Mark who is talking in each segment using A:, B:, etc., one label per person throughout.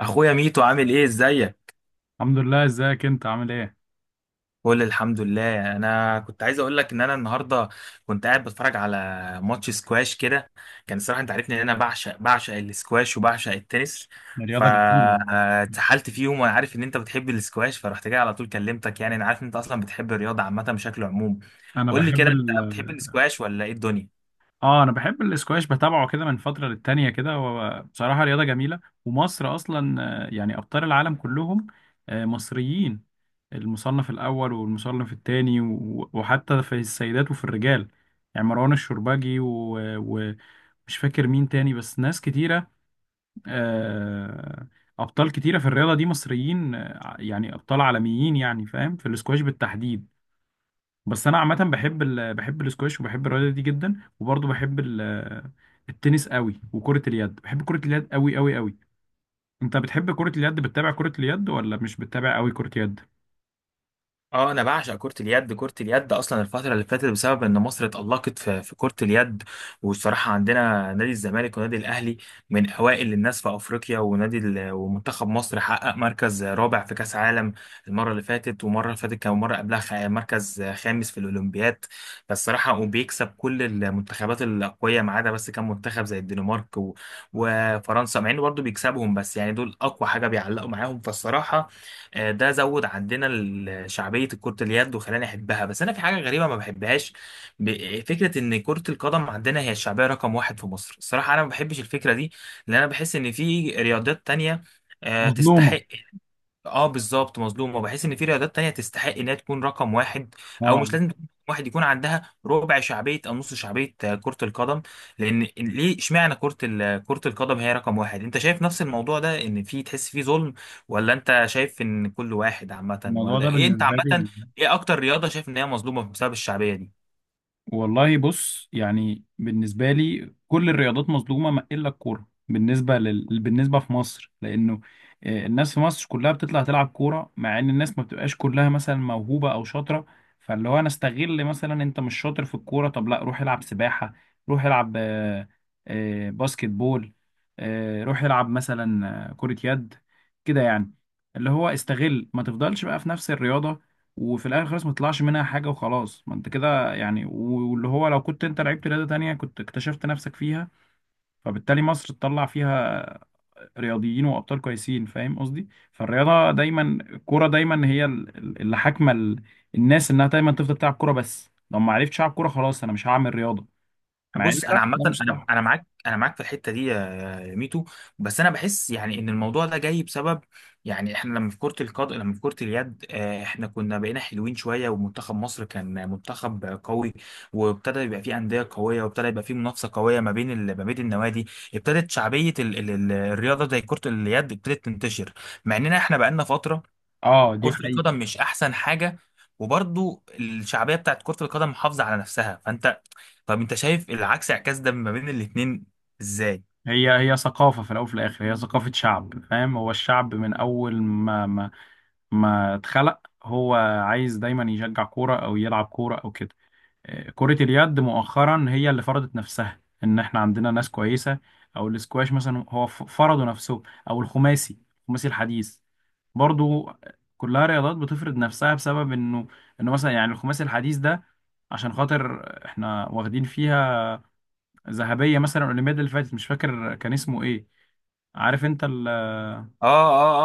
A: اخويا ميتو، عامل ايه؟ ازيك؟
B: الحمد لله، ازيك؟ انت عامل ايه؟
A: كل الحمد لله. انا كنت عايز اقول لك ان انا النهارده كنت قاعد بتفرج على ماتش سكواش كده. كان الصراحه، انت عارفني ان انا بعشق السكواش وبعشق التنس.
B: الرياضه جميله.
A: فاتسحلت فيهم، وانا عارف ان انت بتحب السكواش فرحت جاي على طول كلمتك. يعني انا عارف ان انت اصلا بتحب الرياضه عامه بشكل عموم.
B: انا
A: قول لي
B: بحب
A: كده،
B: ال
A: انت بتحب السكواش ولا ايه الدنيا؟
B: اه، انا بحب الاسكواش، بتابعه كده من فتره للتانيه كده، وبصراحه رياضه جميله، ومصر اصلا يعني ابطال العالم كلهم مصريين، المصنف الاول والمصنف التاني وحتى في السيدات وفي الرجال. يعني مروان الشربجي ومش فاكر مين تاني، بس ناس كتيره. آه، ابطال كتيره في الرياضه دي مصريين، يعني ابطال عالميين، يعني فاهم، في الاسكواش بالتحديد. بس انا عامه بحب الاسكواش، وبحب الرياضه دي جدا، وبرضه التنس قوي، وكره اليد، بحب كره اليد قوي قوي قوي. انت بتحب كره اليد؟ بتتابع كره اليد ولا مش بتتابع قوي كره يد؟
A: اه، انا بعشق كرة اليد. كرة اليد اصلا الفترة اللي فاتت بسبب ان مصر اتألقت في كرة اليد. والصراحة، عندنا نادي الزمالك ونادي الاهلي من اوائل الناس في افريقيا، ومنتخب مصر حقق مركز رابع في كاس عالم المرة اللي فاتت. ومرة اللي فاتت كان مرة قبلها مركز خامس في الاولمبياد. فالصراحة، وبيكسب كل المنتخبات الاقوية ما عدا بس كان منتخب زي الدنمارك وفرنسا، مع انه برضه بيكسبهم بس يعني دول اقوى حاجة بيعلقوا معاهم. فالصراحة، ده زود عندنا شعبية كرة اليد وخلاني أحبها. بس أنا في حاجة غريبة ما بحبهاش. فكرة إن كرة القدم عندنا هي الشعبية رقم واحد في مصر. الصراحة أنا ما بحبش الفكرة دي، لأن أنا بحس إن في رياضات تانية
B: مظلومة.
A: تستحق. اه، بالظبط مظلومه، بحيث ان في رياضات تانية تستحق انها تكون رقم واحد. او
B: اه،
A: مش لازم تكون رقم واحد، يكون عندها ربع شعبيه او نص شعبيه كره القدم. لان ليه اشمعنى كره القدم هي رقم واحد؟ انت شايف نفس الموضوع ده، ان في تحس فيه ظلم؟ ولا انت شايف ان كل واحد عامه
B: الموضوع
A: ولا
B: ده
A: ايه انت
B: بالنسبة
A: عامه؟
B: لي...
A: ايه اكتر رياضه شايف ان هي مظلومه بسبب الشعبيه دي؟
B: والله بص، يعني بالنسبة لي كل الرياضات مظلومة ما إلا الكورة، بالنسبة في مصر، لأنه الناس في مصر كلها بتطلع تلعب كورة، مع إن الناس ما بتبقاش كلها مثلا موهوبة أو شاطرة. فاللي هو أنا استغل، مثلا أنت مش شاطر في الكورة، طب لا، روح العب سباحة، روح العب باسكت بول، روح العب مثلا كرة يد، كده يعني. اللي هو استغل، ما تفضلش بقى في نفس الرياضة، وفي الاخر خالص ما تطلعش منها حاجه، وخلاص ما انت كده يعني. واللي هو لو كنت انت لعبت رياضة تانية كنت اكتشفت نفسك فيها، فبالتالي مصر تطلع فيها رياضيين وابطال كويسين، فاهم قصدي؟ فالرياضة دايما، الكورة دايما هي اللي حاكمة الناس، انها دايما تفضل تلعب كورة، بس لو ما عرفتش العب كورة خلاص انا مش هعمل رياضة، مع ان
A: بص،
B: لا،
A: انا عامه،
B: ده مش
A: انا
B: صح.
A: انا معاك، انا معاك في الحته دي يا ميتو. بس انا بحس يعني ان الموضوع ده جاي بسبب. يعني احنا لما في كره القدم، لما في كره اليد، احنا كنا بقينا حلوين شويه ومنتخب مصر كان منتخب قوي. وابتدى يبقى فيه انديه قويه، وابتدى يبقى فيه منافسه قويه ما بين النوادي. ابتدت شعبيه ال ال ال الرياضه زي كره اليد ابتدت تنتشر. مع اننا احنا بقالنا فتره.
B: اه، دي
A: كره
B: حقيقة.
A: القدم مش احسن حاجه. وبرضو الشعبيه بتاعت كره القدم محافظه على نفسها. فانت، طب انت شايف اعكاس ده ما بين الاتنين ازاي؟
B: هي هي ثقافة في الأول وفي الآخر، هي ثقافة شعب، فاهم؟ هو الشعب من أول ما اتخلق، هو عايز دايما يشجع كورة أو يلعب كورة أو كده. كرة اليد مؤخرا هي اللي فرضت نفسها، ان احنا عندنا ناس كويسة، او الاسكواش مثلا هو فرضوا نفسهم، او الخماسي الحديث برضو، كلها رياضات بتفرض نفسها، بسبب انه مثلا، يعني الخماسي الحديث ده عشان خاطر احنا واخدين فيها ذهبية، مثلا الاولمبياد اللي فاتت، مش فاكر كان اسمه ايه، عارف انت
A: اه،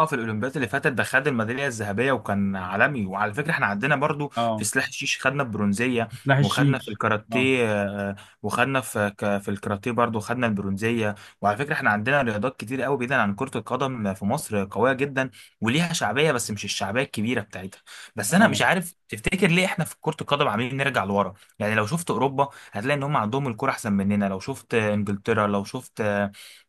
A: اه، اه، في الاولمبياد اللي فاتت ده خد الميداليه الذهبيه وكان عالمي. وعلى فكره احنا عندنا برضو في
B: اه،
A: سلاح الشيش خدنا البرونزيه.
B: سلاح
A: وخدنا في
B: الشيش، اه
A: الكاراتيه. وخدنا في الكاراتيه برضو خدنا البرونزيه. وعلى فكره احنا عندنا رياضات كتير قوي، بعيدا عن كره القدم، في مصر قويه جدا. وليها شعبيه، بس مش الشعبيه الكبيره بتاعتها. بس انا
B: اه.
A: مش عارف، تفتكر ليه احنا في كره القدم عاملين نرجع لورا؟ يعني لو شفت اوروبا هتلاقي ان هم عندهم الكره احسن مننا، لو شفت انجلترا، لو شفت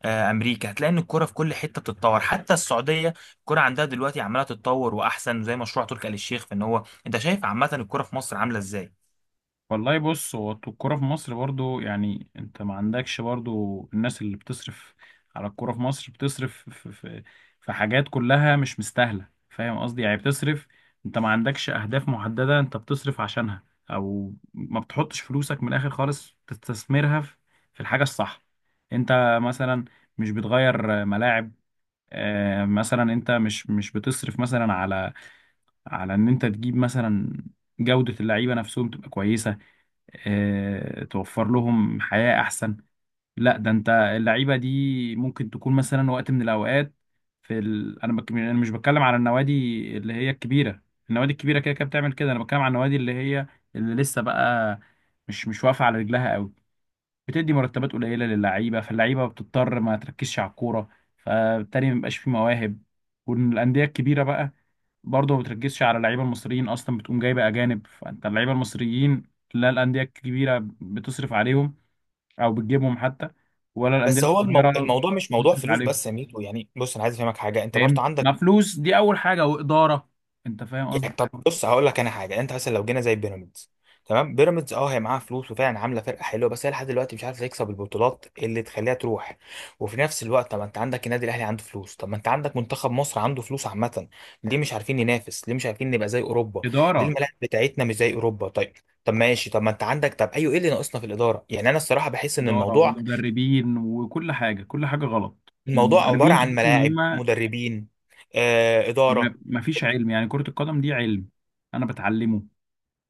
A: امريكا، هتلاقي ان الكوره في كل حته بتتطور. حتى السعوديه الكوره عندها دلوقتي عماله تتطور، واحسن، زي مشروع تركي آل الشيخ. فان هو انت شايف عامه الكوره في مصر عامله ازاي؟
B: والله بص هو الكورة في مصر برضو يعني انت ما عندكش برضو الناس اللي بتصرف على الكورة في مصر بتصرف في, في, في حاجات كلها مش مستاهلة فاهم قصدي يعني بتصرف انت ما عندكش اهداف محددة انت بتصرف عشانها او ما بتحطش فلوسك من الاخر خالص تستثمرها في في الحاجة الصح انت مثلا مش بتغير ملاعب آه، مثلا انت مش مش بتصرف مثلا على على ان انت تجيب مثلا جودة اللعيبة نفسهم تبقى كويسة آه، توفر لهم حياة أحسن لا ده أنت اللعيبة دي ممكن تكون مثلا وقت من الأوقات في ال... أنا بك... أنا مش بتكلم على النوادي اللي هي الكبيرة النوادي الكبيرة كده كده بتعمل كده أنا بتكلم على النوادي اللي هي اللي لسه بقى مش مش واقفة على رجلها أوي بتدي مرتبات قليله للعيبه فاللعيبه بتضطر ما تركزش على الكوره فبالتالي ما بيبقاش فيه مواهب والانديه الكبيره بقى برضه ما بتركزش على اللعيبه المصريين اصلا بتقوم جايبه اجانب فانت اللعيبه المصريين لا الانديه الكبيره بتصرف عليهم او بتجيبهم حتى ولا الانديه
A: بس هو
B: الصغيره
A: الموضوع مش موضوع
B: بتصرف
A: فلوس
B: عليهم
A: بس يا ميتو. يعني بص، انا عايز افهمك حاجه، انت برضه
B: فاهم ما
A: عندك.
B: فلوس دي اول حاجه واداره انت فاهم
A: يعني
B: قصدي
A: طب بص، هقول لك انا حاجه، انت مثلا لو جينا زي بيراميدز. تمام، بيراميدز اه هي معاها فلوس، وفعلا عامله فرقه حلوه، بس هي لحد دلوقتي مش عارفه تكسب البطولات اللي تخليها تروح. وفي نفس الوقت، طب ما انت عندك النادي الاهلي عنده فلوس، طب ما انت عندك منتخب مصر عنده فلوس عامه. ليه مش عارفين ننافس؟ ليه مش عارفين نبقى زي اوروبا؟ ليه
B: اداره
A: الملاعب بتاعتنا مش زي اوروبا؟ طيب. طب ماشي، طب ما انت عندك، طب ايوه، ايه اللي ناقصنا في الاداره؟ يعني انا الصراحه بحس ان
B: اداره
A: الموضوع
B: ومدربين وكل حاجه كل حاجه غلط
A: الموضوع عباره
B: المدربين
A: عن
B: تحس ان
A: ملاعب،
B: هم
A: مدربين، اداره.
B: ما فيش علم يعني كرة القدم دي علم انا بتعلمه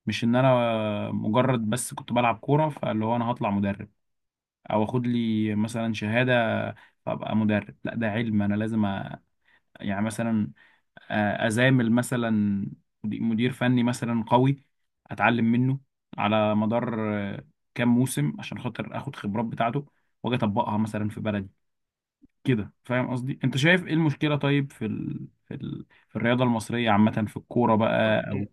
B: مش ان انا مجرد بس كنت بلعب كورة فاللي هو انا هطلع مدرب او اخد لي مثلا شهادة فابقى مدرب لا ده علم انا لازم أ... يعني مثلا آه، ازامل مثلا مدي- مدير فني مثلا قوي اتعلم منه على مدار آه، كام موسم عشان خاطر اخد خبرات بتاعته واجي اطبقها مثلا في بلدي كده فاهم قصدي انت شايف ايه المشكله طيب في ال... في ال... في الرياضه المصريه عامه في الكوره بقى او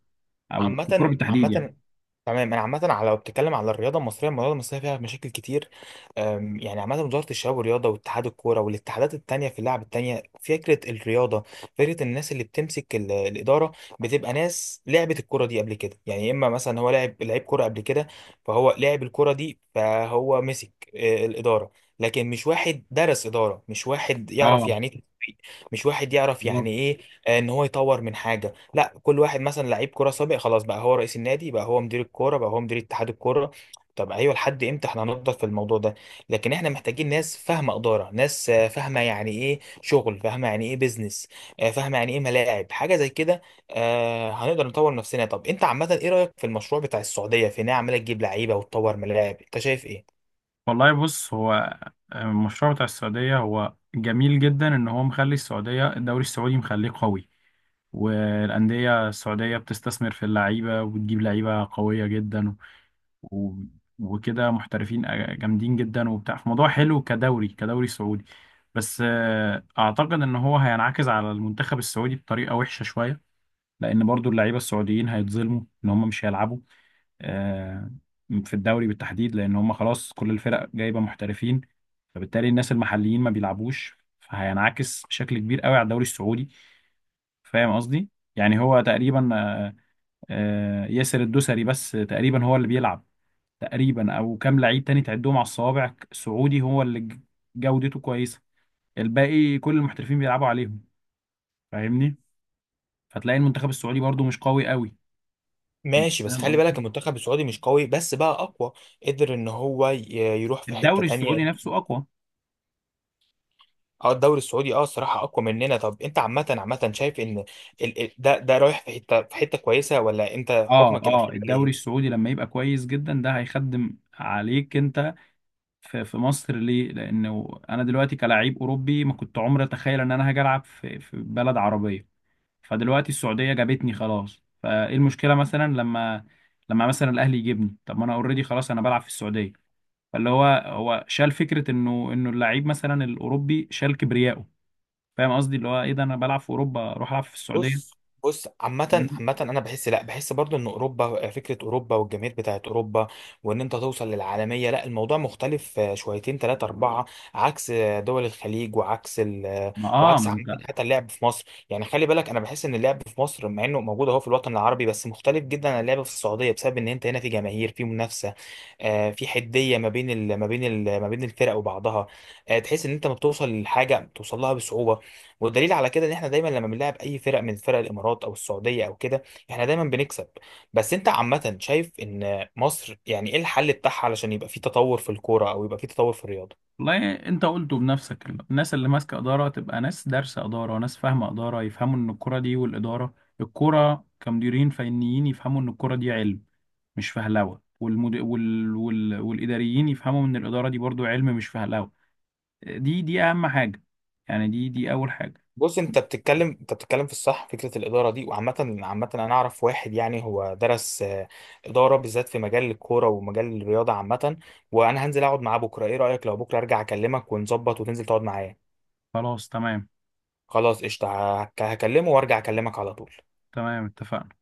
B: او في الكوره
A: عامة،
B: بالتحديد يعني
A: عامة، تمام انا عامة لو بتتكلم على الرياضة المصرية، الرياضة المصرية فيها مشاكل كتير. يعني عامة وزارة الشباب والرياضة واتحاد الكورة والاتحادات التانية في اللعب التانية، فكرة الرياضة. فكرة الناس اللي بتمسك الإدارة، بتبقى ناس لعبت الكورة دي قبل كده. يعني إما مثلا هو لعب لعيب كورة قبل كده، فهو لعب الكورة دي، فهو مسك الإدارة. لكن مش واحد درس إدارة، مش واحد يعرف
B: اه
A: يعني إيه، مش واحد يعرف
B: بالظبط
A: يعني ايه ان هو يطور من حاجه. لا، كل واحد مثلا لعيب كوره سابق، خلاص بقى هو رئيس النادي، بقى هو مدير الكوره، بقى هو مدير اتحاد الكوره. طب ايوه، لحد امتى احنا هنفضل في الموضوع ده؟ لكن احنا محتاجين ناس فاهمه اداره، ناس فاهمه يعني ايه شغل، فاهمه يعني ايه بيزنس، فاهمه يعني ايه ملاعب حاجه زي كده. هنقدر نطور نفسنا. طب انت عامه ايه رايك في المشروع بتاع السعوديه في ان هي عماله تجيب لعيبه وتطور ملاعب؟ انت شايف ايه؟
B: والله بص، هو المشروع بتاع السعودية هو جميل جدا، إن هو مخلي السعودية، الدوري السعودي مخليه قوي، والأندية السعودية بتستثمر في اللعيبة، وبتجيب لعيبة قوية جدا، و- وكده محترفين جامدين جدا وبتاع، فموضوع حلو، كدوري، كدوري سعودي. بس اعتقد ان هو هينعكس على المنتخب السعودي بطريقه وحشه شويه، لان برضو اللعيبه السعوديين هيتظلموا ان هم مش هيلعبوا آه، في الدوري بالتحديد، لان هم خلاص كل الفرق جايبه محترفين، فبالتالي الناس المحليين ما بيلعبوش، فهينعكس بشكل كبير قوي على الدوري السعودي، فاهم قصدي؟ يعني هو تقريبا، ياسر الدوسري بس تقريبا هو اللي بيلعب تقريبا، او كام لعيب تاني تعدهم على الصوابع سعودي هو اللي جودته كويسه، الباقي كل المحترفين بيلعبوا عليهم، فاهمني؟ فتلاقي المنتخب السعودي برضو مش قوي قوي،
A: ماشي، بس
B: فاهم
A: خلي بالك
B: قصدي؟
A: المنتخب السعودي مش قوي بس بقى اقوى، قدر ان هو يروح في حتة
B: الدوري
A: تانية.
B: السعودي نفسه اقوى.
A: اه، الدوري السعودي الصراحة اقوى مننا. طب انت عامة، عامة، شايف ان ده رايح في حتة كويسة، ولا انت
B: اه
A: حكمك
B: اه،
A: الاخير عليه
B: الدوري
A: إيه؟
B: السعودي لما يبقى كويس جدا ده هيخدم عليك انت في، مصر. ليه؟ لانه انا دلوقتي كلاعب اوروبي، ما كنت عمري اتخيل ان انا هاجي العب في، بلد عربيه، فدلوقتي السعودية جابتني خلاص، فايه المشكلة مثلا لما مثلا الاهلي يجيبني؟ طب ما انا اوريدي، خلاص انا بلعب في السعودية. فاللي هو، هو شال فكرة انه اللعيب مثلا الاوروبي شال كبريائه، فاهم قصدي؟ اللي هو ايه ده، انا بلعب في اوروبا اروح العب في
A: بص،
B: السعودية؟
A: بص، عامة،
B: فاهمني؟
A: عامة، أنا بحس، لأ، بحس برضو إن أوروبا، فكرة أوروبا والجماهير بتاعت أوروبا، وإن أنت توصل للعالمية، لأ الموضوع مختلف شويتين تلاتة أربعة، عكس دول الخليج، وعكس ال آه،
B: ما اه
A: وعكس
B: ما
A: عامة
B: انت...
A: حتى اللعب في مصر. يعني خلي بالك، أنا بحس إن اللعب في مصر، مع إنه موجود أهو في الوطن العربي، بس مختلف جدا عن اللعب في السعودية، بسبب إن أنت هنا في جماهير، في منافسة، في حدية ما بين الفرق وبعضها. تحس إن أنت ما بتوصل لحاجة، بتوصل لها بصعوبة. والدليل على كده ان احنا دايما لما بنلعب اي فرق من فرق الامارات او السعوديه او كده، احنا دايما بنكسب. بس انت عامه شايف ان مصر يعني ايه الحل بتاعها علشان يبقى في تطور في الكوره، او يبقى في تطور في الرياضه؟
B: والله انت قلته بنفسك، الناس اللي ماسكة إدارة تبقى ناس دارسة إدارة، ناس فاهمة إدارة، يفهموا ان الكرة دي والإدارة، الكرة كمديرين فنيين يفهموا ان الكرة دي علم، مش فهلوه، والاداريين يفهموا ان الاداره دي برضو علم، مش فهلوه. دي دي اهم حاجه، يعني دي دي اول حاجه.
A: بص، انت بتتكلم في الصح، فكره الاداره دي، وعامه، عامه انا اعرف واحد، يعني هو درس اداره بالذات في مجال الكوره ومجال الرياضه عامه. وانا هنزل اقعد معاه بكره. ايه رايك لو بكره ارجع اكلمك ونظبط وتنزل تقعد معايا؟
B: خلاص تمام.
A: خلاص، قشطه. هكلمه وارجع اكلمك على طول.
B: تمام اتفقنا.